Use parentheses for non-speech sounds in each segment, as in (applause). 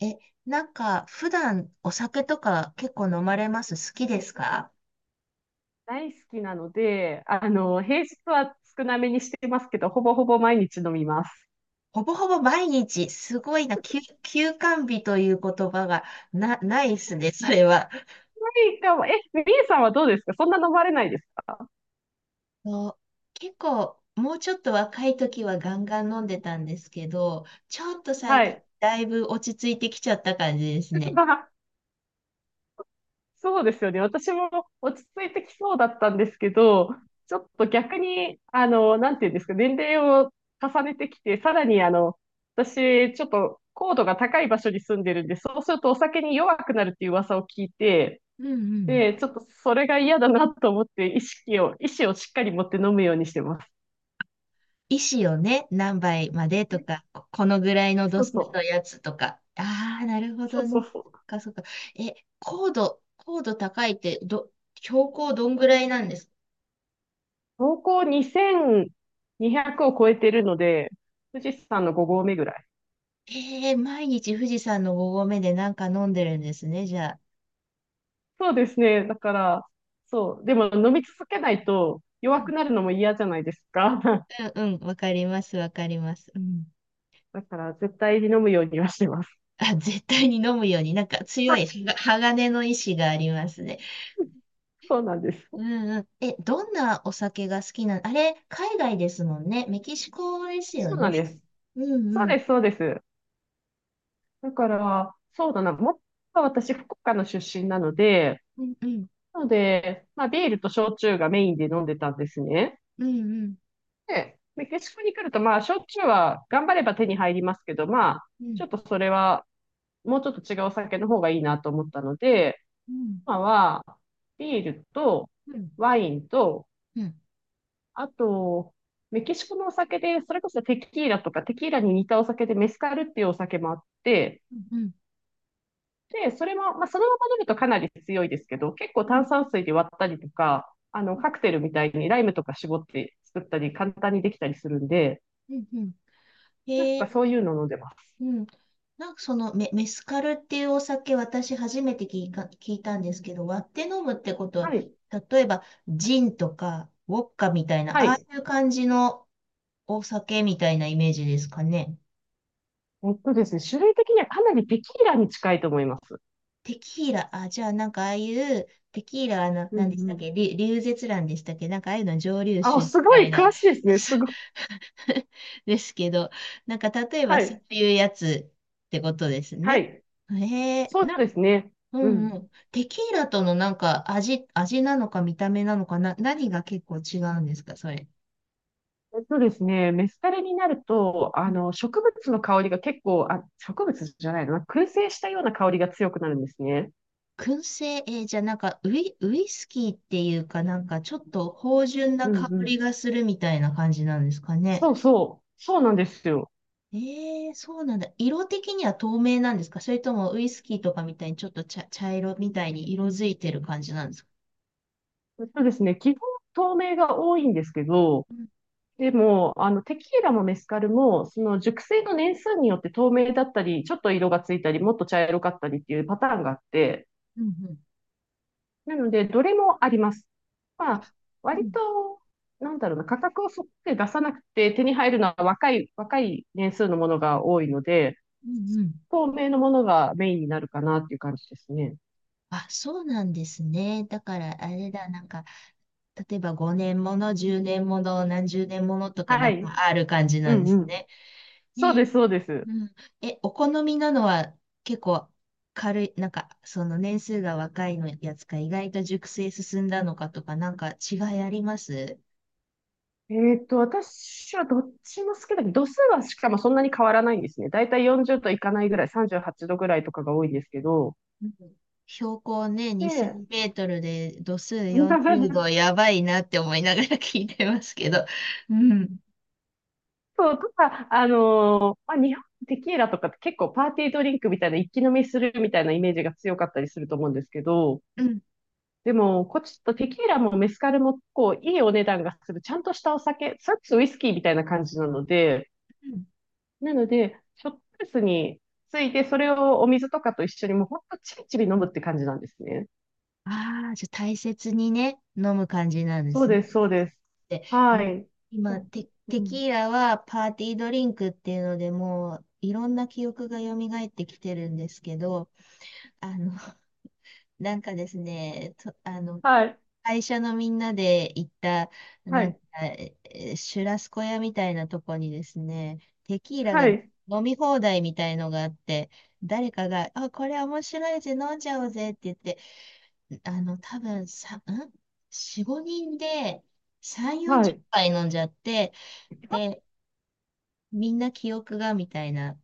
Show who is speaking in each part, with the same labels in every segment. Speaker 1: え、普段お酒とか結構飲まれます？好きですか？
Speaker 2: 大好きなので、平日は少なめにしてますけど、ほぼほぼ毎日飲みます。
Speaker 1: ほぼほぼ毎日、すごいな、休肝日という言葉がないですね、それは。
Speaker 2: ないかも。みえさんはどうですか？そんな飲まれないですか？
Speaker 1: そう、結構、もうちょっと若い時はガンガン飲んでたんですけど、ちょっと最
Speaker 2: は
Speaker 1: 近、
Speaker 2: い。
Speaker 1: だいぶ落ち着いてきちゃった感じですね。
Speaker 2: (laughs) そうですよね。私も落ち着いてきそうだったんですけど、ちょっと逆に、なんていうんですか、年齢を重ねてきて、さらに、私、ちょっと高度が高い場所に住んでるんで、そうするとお酒に弱くなるっていう噂を聞いて、
Speaker 1: うんうん。
Speaker 2: で、ちょっとそれが嫌だなと思って、意思をしっかり持って飲むようにしてます。
Speaker 1: 石をね、何倍までとか、ここのぐらいの度
Speaker 2: そう
Speaker 1: 数
Speaker 2: そ
Speaker 1: の
Speaker 2: う。
Speaker 1: やつとか。ああ、なるほ
Speaker 2: そ
Speaker 1: ど
Speaker 2: う
Speaker 1: ね。
Speaker 2: そうそう。
Speaker 1: そっか。え、高度高いって、標高どんぐらいなんですか？
Speaker 2: 標高2200を超えてるので、富士山の5合目ぐらい。
Speaker 1: えー、毎日富士山の5合目でなんか飲んでるんですね、じゃあ。
Speaker 2: そうですね。だから、そう。でも飲み続けないと
Speaker 1: う
Speaker 2: 弱く
Speaker 1: ん
Speaker 2: なるのも嫌じゃないですか。(laughs)
Speaker 1: うん、うん、わかります、わかります。うん。
Speaker 2: だから絶対に飲むようにはしてます。
Speaker 1: あ、絶対に飲むように、なんか強いは
Speaker 2: (laughs)
Speaker 1: が鋼の意志がありますね。
Speaker 2: そうなんで
Speaker 1: う
Speaker 2: す。
Speaker 1: んうん。え、どんなお酒が好きなの？あれ、海外ですもんね。メキシコですよ
Speaker 2: そうな
Speaker 1: ね。
Speaker 2: んです。
Speaker 1: うん
Speaker 2: そう
Speaker 1: う
Speaker 2: で
Speaker 1: ん。
Speaker 2: す、そうです。だから、そうだな。もっと私、福岡の出身なので、
Speaker 1: うんうん。
Speaker 2: なので、まあ、ビールと焼酎がメインで飲んでたんですね。
Speaker 1: うんうん。
Speaker 2: で、メキシコに来ると、まあ、焼酎は頑張れば手に入りますけど、まあ、
Speaker 1: う
Speaker 2: ち
Speaker 1: ん。
Speaker 2: ょっとそれは、もうちょっと違うお酒の方がいいなと思ったので、
Speaker 1: うん。
Speaker 2: 今は、ビールと、
Speaker 1: うん。
Speaker 2: ワインと、
Speaker 1: うん。
Speaker 2: あと、メキシコのお酒で、それこそテキーラとか、テキーラに似たお酒でメスカルっていうお酒もあって、
Speaker 1: うんう
Speaker 2: で、それも、まあ、そのまま飲むとかなり強いですけど、結構
Speaker 1: ん。
Speaker 2: 炭酸水で割ったりとか、カクテルみたいにライムとか絞って作ったり、簡単にできたりするんで、
Speaker 1: うん。
Speaker 2: なん
Speaker 1: へ
Speaker 2: か
Speaker 1: え、
Speaker 2: そういうの飲んでます。
Speaker 1: うん。なんかそのメスカルっていうお酒、私初めて聞いたんですけど、割って飲むってことは、
Speaker 2: はい。
Speaker 1: 例えば、ジンとか、ウォッカみたいな、
Speaker 2: は
Speaker 1: あ
Speaker 2: い。
Speaker 1: あいう感じのお酒みたいなイメージですかね。
Speaker 2: えっとですね、種類的にはかなりテキーラに近いと思います。
Speaker 1: テキーラ、あ、じゃあなんかああいう、テキーラ、あの、
Speaker 2: うんう
Speaker 1: 何でしたっ
Speaker 2: ん。
Speaker 1: け、リュウゼツランでしたっけ、なんかああいうの蒸留
Speaker 2: あ、
Speaker 1: 酒み
Speaker 2: すご
Speaker 1: たい
Speaker 2: い
Speaker 1: な、
Speaker 2: 詳しいですね。すごい。
Speaker 1: (laughs) ですけど、なんか例えば
Speaker 2: は
Speaker 1: そう
Speaker 2: い。
Speaker 1: いうやつってことです
Speaker 2: は
Speaker 1: ね。
Speaker 2: い。
Speaker 1: へえ、
Speaker 2: そう
Speaker 1: な、
Speaker 2: ですね。
Speaker 1: う
Speaker 2: う
Speaker 1: んう
Speaker 2: ん。
Speaker 1: ん。テキーラとのなんか味なのか見た目なのかな、何が結構違うんですか、それ。
Speaker 2: えっとですね、メスカリになると、
Speaker 1: うん。
Speaker 2: 植物の香りが結構、あ、植物じゃないな、燻製したような香りが強くなるんですね。
Speaker 1: 燻製、えーじゃあなんかウイスキーっていうかなんかちょっと芳醇な
Speaker 2: う
Speaker 1: 香
Speaker 2: んうん。
Speaker 1: りがするみたいな感じなんですか
Speaker 2: そ
Speaker 1: ね。
Speaker 2: うそう。そうなんですよ。
Speaker 1: ええ、そうなんだ。色的には透明なんですか？それともウイスキーとかみたいにちょっと茶色みたいに色づいてる感じなんですか？
Speaker 2: えっとですね、基本透明が多いんですけど、
Speaker 1: うん
Speaker 2: でも、テキーラもメスカルも、その熟成の年数によって透明だったり、ちょっと色がついたり、もっと茶色かったりっていうパターンがあって、
Speaker 1: うんうん。
Speaker 2: なので、どれもあります。ま
Speaker 1: あ、
Speaker 2: あ、
Speaker 1: う
Speaker 2: 割
Speaker 1: ん、
Speaker 2: と、なんだろうな、価格をそって出さなくて手に入るのは若い年数のものが多いので、
Speaker 1: うんうん。
Speaker 2: 透明のものがメインになるかなっていう感じですね。
Speaker 1: あ、そうなんですね。だから、あれだ、なんか、例えば5年もの、10年もの、何十年ものとかな
Speaker 2: は
Speaker 1: ん
Speaker 2: い。
Speaker 1: かある感じ
Speaker 2: う
Speaker 1: なんで
Speaker 2: んう
Speaker 1: す
Speaker 2: ん。
Speaker 1: ね。
Speaker 2: そう
Speaker 1: ね
Speaker 2: で
Speaker 1: え、
Speaker 2: す、そうです。
Speaker 1: うん。え、お好みなのは結構軽い、なんか、その年数が若いのやつか、意外と熟成進んだのかとか、なんか違いあります？
Speaker 2: 私はどっちも好きだけど、度数はしかもそんなに変わらないんですね。だいたい40度いかないぐらい、38度ぐらいとかが多いんですけど、
Speaker 1: うん。標高ね、2000
Speaker 2: で、
Speaker 1: メートルで度数40度、
Speaker 2: (laughs)
Speaker 1: やばいなって思いながら聞いてますけど。うん。
Speaker 2: そう、とか、まあ、日本テキーラとかって結構パーティードリンクみたいな一気飲みするみたいなイメージが強かったりすると思うんですけど、
Speaker 1: うん。
Speaker 2: でも、こっちとテキーラもメスカルもこういいお値段がするちゃんとしたお酒、それこそウイスキーみたいな感じなので、ショットグラスについてそれをお水とかと一緒にもうほんとちびちび飲むって感じなんですね。
Speaker 1: ああー、じゃあ大切にね、飲む感じなんで
Speaker 2: そう
Speaker 1: すね。
Speaker 2: です、そうです。
Speaker 1: で、
Speaker 2: は
Speaker 1: もう
Speaker 2: い。う
Speaker 1: 今
Speaker 2: ん
Speaker 1: テ
Speaker 2: うん。
Speaker 1: キーラはパーティードリンクっていうので、もういろんな記憶が蘇ってきてるんですけど、あの、なんかですね、と、あの、
Speaker 2: はい、
Speaker 1: 会社のみんなで行った、
Speaker 2: は
Speaker 1: なんか、
Speaker 2: い、
Speaker 1: えーシュラスコ屋みたいなとこにですね、テキーラが
Speaker 2: はい、
Speaker 1: 飲み放題みたいのがあって、誰かが、あ、これ面白いぜ、飲んじゃおうぜって言って、あの、多分さ、ん？ 4、5人で3、
Speaker 2: は
Speaker 1: 40
Speaker 2: い。
Speaker 1: 杯飲んじゃって、で、みんな記憶がみたいな。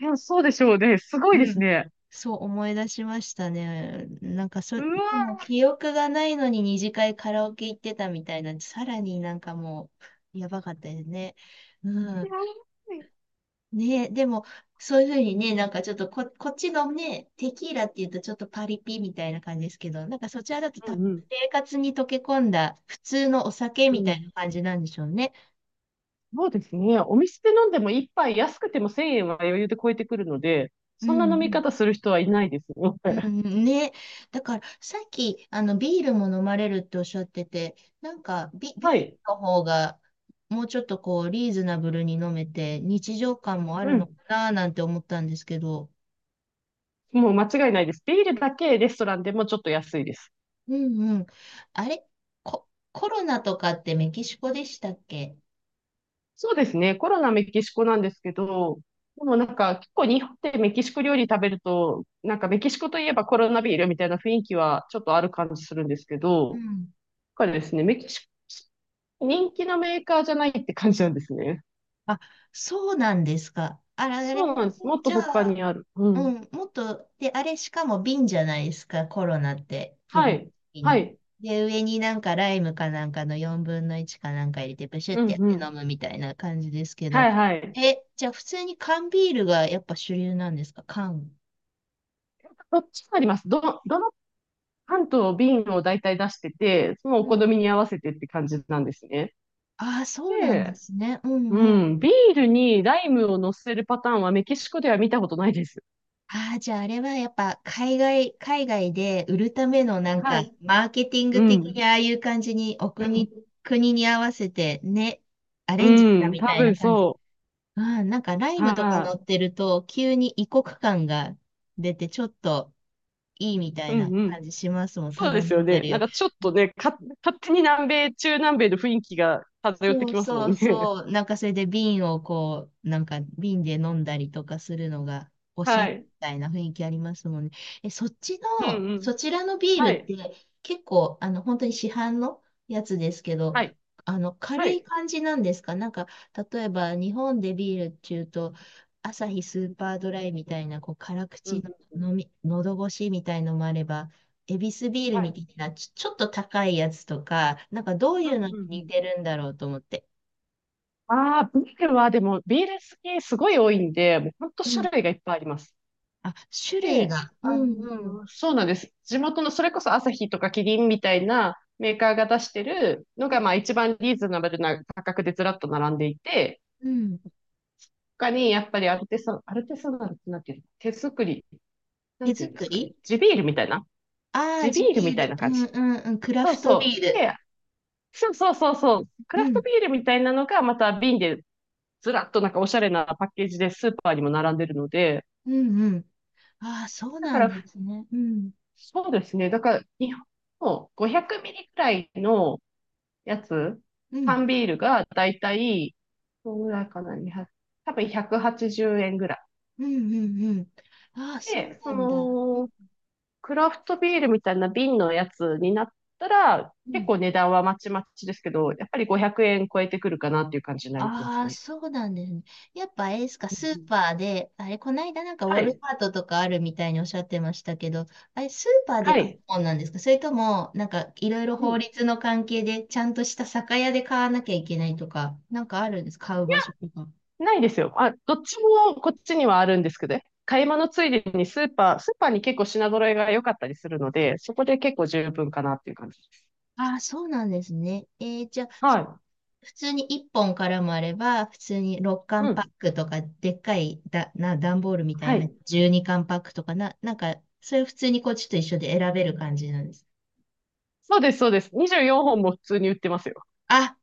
Speaker 2: えそうでしょうね。すごいで
Speaker 1: う
Speaker 2: す
Speaker 1: ん。
Speaker 2: ね。
Speaker 1: そう思い出しましたね。なんかそ、
Speaker 2: う
Speaker 1: でも
Speaker 2: わ
Speaker 1: 記憶がないのに二次会カラオケ行ってたみたいなんで、さらになんかもう、やばかったですね。う
Speaker 2: ー、安
Speaker 1: ん。
Speaker 2: い。
Speaker 1: ねえ、でも、そういうふうにね、なんかちょっとこ、こっちのね、テキーラって言うとちょっとパリピみたいな感じですけど、なんかそちらだと多
Speaker 2: う
Speaker 1: 分
Speaker 2: んうん。
Speaker 1: 生活に溶け込んだ普通のお酒
Speaker 2: う
Speaker 1: みたい
Speaker 2: ん。
Speaker 1: な感じなんでしょうね。
Speaker 2: そうですね。お店で飲んでも一杯安くても1000円は余裕で超えてくるので、
Speaker 1: うん
Speaker 2: そ
Speaker 1: う
Speaker 2: んな飲み
Speaker 1: ん。
Speaker 2: 方する人はいないですね。
Speaker 1: うん
Speaker 2: (laughs)
Speaker 1: うんね。だから、さっき、あの、ビールも飲まれるっておっしゃってて、なんかビー
Speaker 2: は
Speaker 1: ル
Speaker 2: い。
Speaker 1: の方が、もうちょっとこう、リーズナブルに飲めて、日常感もあ
Speaker 2: う
Speaker 1: るのか
Speaker 2: ん。
Speaker 1: な、なんて思ったんですけど。
Speaker 2: もう間違いないです。ビールだけレストランでもちょっと安いです。
Speaker 1: うんうん。あれ、コロナとかってメキシコでしたっけ？
Speaker 2: そうですね。コロナメキシコなんですけど、でもなんか結構日本でメキシコ料理食べると、なんかメキシコといえばコロナビールみたいな雰囲気はちょっとある感じするんですけ
Speaker 1: う
Speaker 2: ど、
Speaker 1: ん。
Speaker 2: だからですね、メキシコ人気のメーカーじゃないって感じなんですね。
Speaker 1: あ、そうなんですか。あらあれ、
Speaker 2: そうなんです。もっ
Speaker 1: じ
Speaker 2: と
Speaker 1: ゃ
Speaker 2: 他
Speaker 1: あ、
Speaker 2: にある。う
Speaker 1: う
Speaker 2: ん。
Speaker 1: ん、もっと、で、あれしかも瓶じゃないですか、コロナって、基
Speaker 2: は
Speaker 1: 本
Speaker 2: い。
Speaker 1: 的
Speaker 2: は
Speaker 1: に。
Speaker 2: い。
Speaker 1: で、上になんかライムかなんかの4分の1かなんか入れて、ブシュっ
Speaker 2: う
Speaker 1: て
Speaker 2: ん
Speaker 1: やっ
Speaker 2: う
Speaker 1: て
Speaker 2: ん。
Speaker 1: 飲むみたいな感じですけど。
Speaker 2: はいはい。
Speaker 1: え、じゃあ普通に缶ビールがやっぱ主流なんですか、缶。
Speaker 2: どっちもあります。どの缶と瓶を大体出してて、そのお
Speaker 1: う
Speaker 2: 好
Speaker 1: ん。
Speaker 2: みに合わせてって感じなんですね。
Speaker 1: ああ、そうなんで
Speaker 2: で、
Speaker 1: すね。うん
Speaker 2: う
Speaker 1: うん。
Speaker 2: ん。ビールにライムを乗せるパターンはメキシコでは見たことないです。
Speaker 1: ああ、じゃああれはやっぱ海外で売るためのなん
Speaker 2: は
Speaker 1: か、
Speaker 2: い。
Speaker 1: マーケティン
Speaker 2: う
Speaker 1: グ的
Speaker 2: ん。
Speaker 1: にああいう感じに、
Speaker 2: うん。
Speaker 1: 国に合わせてね、ア
Speaker 2: う
Speaker 1: レンジした
Speaker 2: ん、
Speaker 1: み
Speaker 2: 多
Speaker 1: たいな
Speaker 2: 分
Speaker 1: 感じ。
Speaker 2: そ
Speaker 1: うん、なんかライ
Speaker 2: う。
Speaker 1: ムとか乗
Speaker 2: は
Speaker 1: ってると、急に異国感が出て、ちょっといいみた
Speaker 2: い。
Speaker 1: い
Speaker 2: う
Speaker 1: な
Speaker 2: んう
Speaker 1: 感
Speaker 2: ん。
Speaker 1: じしますもん。た
Speaker 2: そう
Speaker 1: だ
Speaker 2: で
Speaker 1: 飲
Speaker 2: すよ
Speaker 1: んで
Speaker 2: ね。
Speaker 1: る
Speaker 2: なん
Speaker 1: よ。
Speaker 2: かちょっとね、勝手に南米、中南米の雰囲気が漂って
Speaker 1: そう
Speaker 2: きますも
Speaker 1: そう
Speaker 2: んね。
Speaker 1: そう。なんかそれで瓶をこう、なんか瓶で飲んだりとかするのがお
Speaker 2: (laughs)
Speaker 1: しゃ
Speaker 2: は
Speaker 1: れみ
Speaker 2: い。
Speaker 1: たいな雰囲気ありますもんね。え、
Speaker 2: うんうん。
Speaker 1: そちらのビール
Speaker 2: は
Speaker 1: っ
Speaker 2: い。
Speaker 1: て結構、あの、本当に市販のやつですけど、
Speaker 2: はい。
Speaker 1: あの、軽
Speaker 2: は
Speaker 1: い
Speaker 2: い。
Speaker 1: 感じなんですかなんか、例えば日本でビールっていうと、アサヒスーパードライみたいな、こう、辛
Speaker 2: うんう
Speaker 1: 口
Speaker 2: ん。
Speaker 1: の飲み、喉越しみたいのもあれば、エビスビール
Speaker 2: は
Speaker 1: み
Speaker 2: い。
Speaker 1: たいな、ちょっと高いやつとか、なんかどういうの
Speaker 2: う
Speaker 1: に
Speaker 2: んうんう
Speaker 1: 似
Speaker 2: ん。
Speaker 1: てるんだろうと思って。
Speaker 2: ああ、ビールはでも、ビール好きすごい多いんで、もうほんと
Speaker 1: うん。
Speaker 2: 種類がいっぱいあります。
Speaker 1: あ、種類
Speaker 2: で、
Speaker 1: が。うんうん。
Speaker 2: そうなんです。地元の、それこそアサヒとかキリンみたいなメーカーが出してるの
Speaker 1: うん
Speaker 2: が、まあ一番リーズナブルな価格でずらっと並んでいて、
Speaker 1: うん。
Speaker 2: 他にやっぱりアルテサナルってなんていうの手作り、な
Speaker 1: 手
Speaker 2: んていうんで
Speaker 1: 作
Speaker 2: すかね。
Speaker 1: り、ああー、
Speaker 2: 地ビ
Speaker 1: 地
Speaker 2: ールみ
Speaker 1: ビー
Speaker 2: たい
Speaker 1: ル。
Speaker 2: な
Speaker 1: う
Speaker 2: 感
Speaker 1: ん
Speaker 2: じ。
Speaker 1: うんうん。クラ
Speaker 2: そう
Speaker 1: フトビ
Speaker 2: そ
Speaker 1: ー
Speaker 2: う。
Speaker 1: ル。
Speaker 2: で、そうそうそうそう。ク
Speaker 1: う
Speaker 2: ラフト
Speaker 1: ん。
Speaker 2: ビールみたいなのがまた瓶でずらっとなんかおしゃれなパッケージでスーパーにも並んでるので、
Speaker 1: うんうん。ああ、そう
Speaker 2: だか
Speaker 1: なんで
Speaker 2: ら、
Speaker 1: すね。うん。
Speaker 2: そうですね。だから、日本の500ミリくらいのやつ、
Speaker 1: うん。
Speaker 2: 缶ビールがだいたい、どのぐらいかな、2 0多分180円ぐら
Speaker 1: うんうんうん。ああ、
Speaker 2: い。
Speaker 1: そう
Speaker 2: で、
Speaker 1: なんだ。
Speaker 2: クラフトビールみたいな瓶のやつになったら、
Speaker 1: う
Speaker 2: 結
Speaker 1: ん。
Speaker 2: 構値段はまちまちですけど、やっぱり500円超えてくるかなっていう感じになりま
Speaker 1: あ
Speaker 2: す
Speaker 1: あ、
Speaker 2: ね。
Speaker 1: そうなんですね。やっぱあれですか、ス
Speaker 2: う
Speaker 1: ー
Speaker 2: んうん。
Speaker 1: パーで、あれ、こないだなんかウォ
Speaker 2: は
Speaker 1: ル
Speaker 2: い。
Speaker 1: マートとかあるみたいにおっしゃってましたけど、あれ、スーパーで
Speaker 2: は
Speaker 1: 買う
Speaker 2: い。
Speaker 1: もんなんですか？それとも、なんかいろいろ
Speaker 2: う
Speaker 1: 法
Speaker 2: ん。
Speaker 1: 律の関係で、ちゃんとした酒屋で買わなきゃいけないとか、なんかあるんです？買う場所とか。
Speaker 2: ないですよ。あ、どっちもこっちにはあるんですけどね、買い物ついでにスーパーに結構品揃えが良かったりするので、そこで結構十分かなっていう感じです。
Speaker 1: ああ、そうなんですね。えー、じゃあ、
Speaker 2: は
Speaker 1: そ
Speaker 2: い。
Speaker 1: 普通に1本からもあれば、普通に6
Speaker 2: う
Speaker 1: 缶パッ
Speaker 2: ん。
Speaker 1: クとか、でっかいだ、な、段ボールみたいに
Speaker 2: は
Speaker 1: 入っ
Speaker 2: い。
Speaker 1: た12缶パックとかな、なんか、それ普通にこっちと一緒で選べる感じなんです？
Speaker 2: そうです、そうです。24本も普通に売ってますよ。
Speaker 1: あ、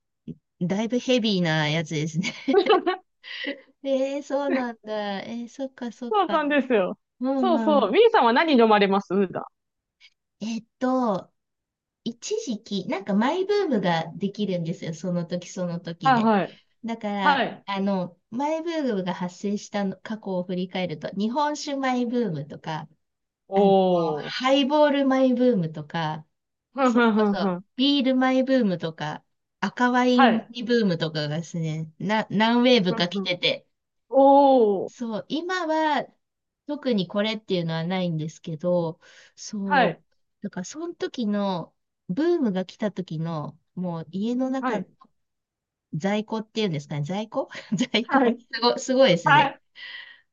Speaker 1: だいぶヘビーなやつですね (laughs)
Speaker 2: (laughs)
Speaker 1: えー、そうなんだ。えー、そっ
Speaker 2: そう
Speaker 1: か。
Speaker 2: なんですよ。
Speaker 1: うん
Speaker 2: そう
Speaker 1: う
Speaker 2: そう。ミ
Speaker 1: ん。
Speaker 2: ーさんは何飲まれます普段？
Speaker 1: えっと、一時期、なんかマイブームができるんですよ。その時その時
Speaker 2: はい
Speaker 1: で。
Speaker 2: はい。
Speaker 1: だか
Speaker 2: は
Speaker 1: ら、
Speaker 2: い。
Speaker 1: あの、マイブームが発生したの過去を振り返ると、日本酒マイブームとか、あの、
Speaker 2: おー。
Speaker 1: ハイボールマイブームとか、
Speaker 2: ふん
Speaker 1: それ
Speaker 2: ふんふ
Speaker 1: こ
Speaker 2: んふ
Speaker 1: そ
Speaker 2: ん。
Speaker 1: ビールマイブームとか、赤ワ
Speaker 2: (laughs)
Speaker 1: イ
Speaker 2: は
Speaker 1: ンマ
Speaker 2: い。
Speaker 1: イブームとかがですね、な、何ウェー
Speaker 2: ふ
Speaker 1: ブ
Speaker 2: ん
Speaker 1: か来
Speaker 2: ふん。
Speaker 1: てて、
Speaker 2: おー。
Speaker 1: そう、今は特にこれっていうのはないんですけど、
Speaker 2: は
Speaker 1: そう、
Speaker 2: い。
Speaker 1: だからその時の、ブームが来た時の、もう家の
Speaker 2: は
Speaker 1: 中、
Speaker 2: い。
Speaker 1: 在庫っていうんですかね、在庫 (laughs) 在
Speaker 2: は
Speaker 1: 庫。
Speaker 2: い。
Speaker 1: すごいです
Speaker 2: は
Speaker 1: ね。
Speaker 2: い。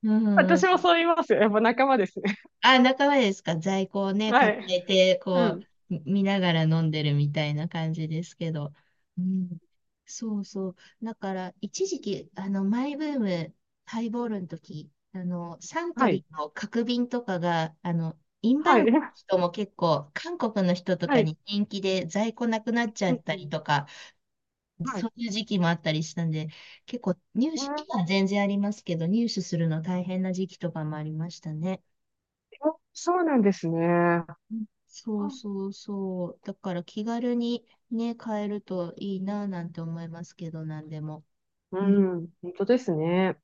Speaker 1: う
Speaker 2: 私
Speaker 1: ん。
Speaker 2: もそう言いますよ。やっぱ仲間ですね。
Speaker 1: あ、仲間ですか？在庫を
Speaker 2: (laughs)
Speaker 1: ね、
Speaker 2: は
Speaker 1: 抱
Speaker 2: い。
Speaker 1: えて、
Speaker 2: う
Speaker 1: こ
Speaker 2: ん。
Speaker 1: う、見ながら飲んでるみたいな感じですけど。うん。そうそう。だから、一時期、あの、マイブーム、ハイボールの時、あの、サント
Speaker 2: は
Speaker 1: リ
Speaker 2: い。
Speaker 1: ーの角瓶とかが、あの、インバ
Speaker 2: は
Speaker 1: ウン
Speaker 2: い。(laughs)
Speaker 1: ド
Speaker 2: え、
Speaker 1: の人も結構、韓国の人と
Speaker 2: は
Speaker 1: か
Speaker 2: い。
Speaker 1: に人気で在庫なくなっちゃ
Speaker 2: うん。
Speaker 1: っ
Speaker 2: う
Speaker 1: たり
Speaker 2: ん。
Speaker 1: とか、
Speaker 2: は
Speaker 1: そ
Speaker 2: い。
Speaker 1: ういう時期もあったりしたんで、結構入手、
Speaker 2: え
Speaker 1: 今は全然ありますけど、入手するの大変な時期とかもありましたね。
Speaker 2: ー、そうなんですね。
Speaker 1: うん、そうそうそう。だから気軽にね、買えるといいななんて思いますけど、なんでも。
Speaker 2: うん。本当ですね。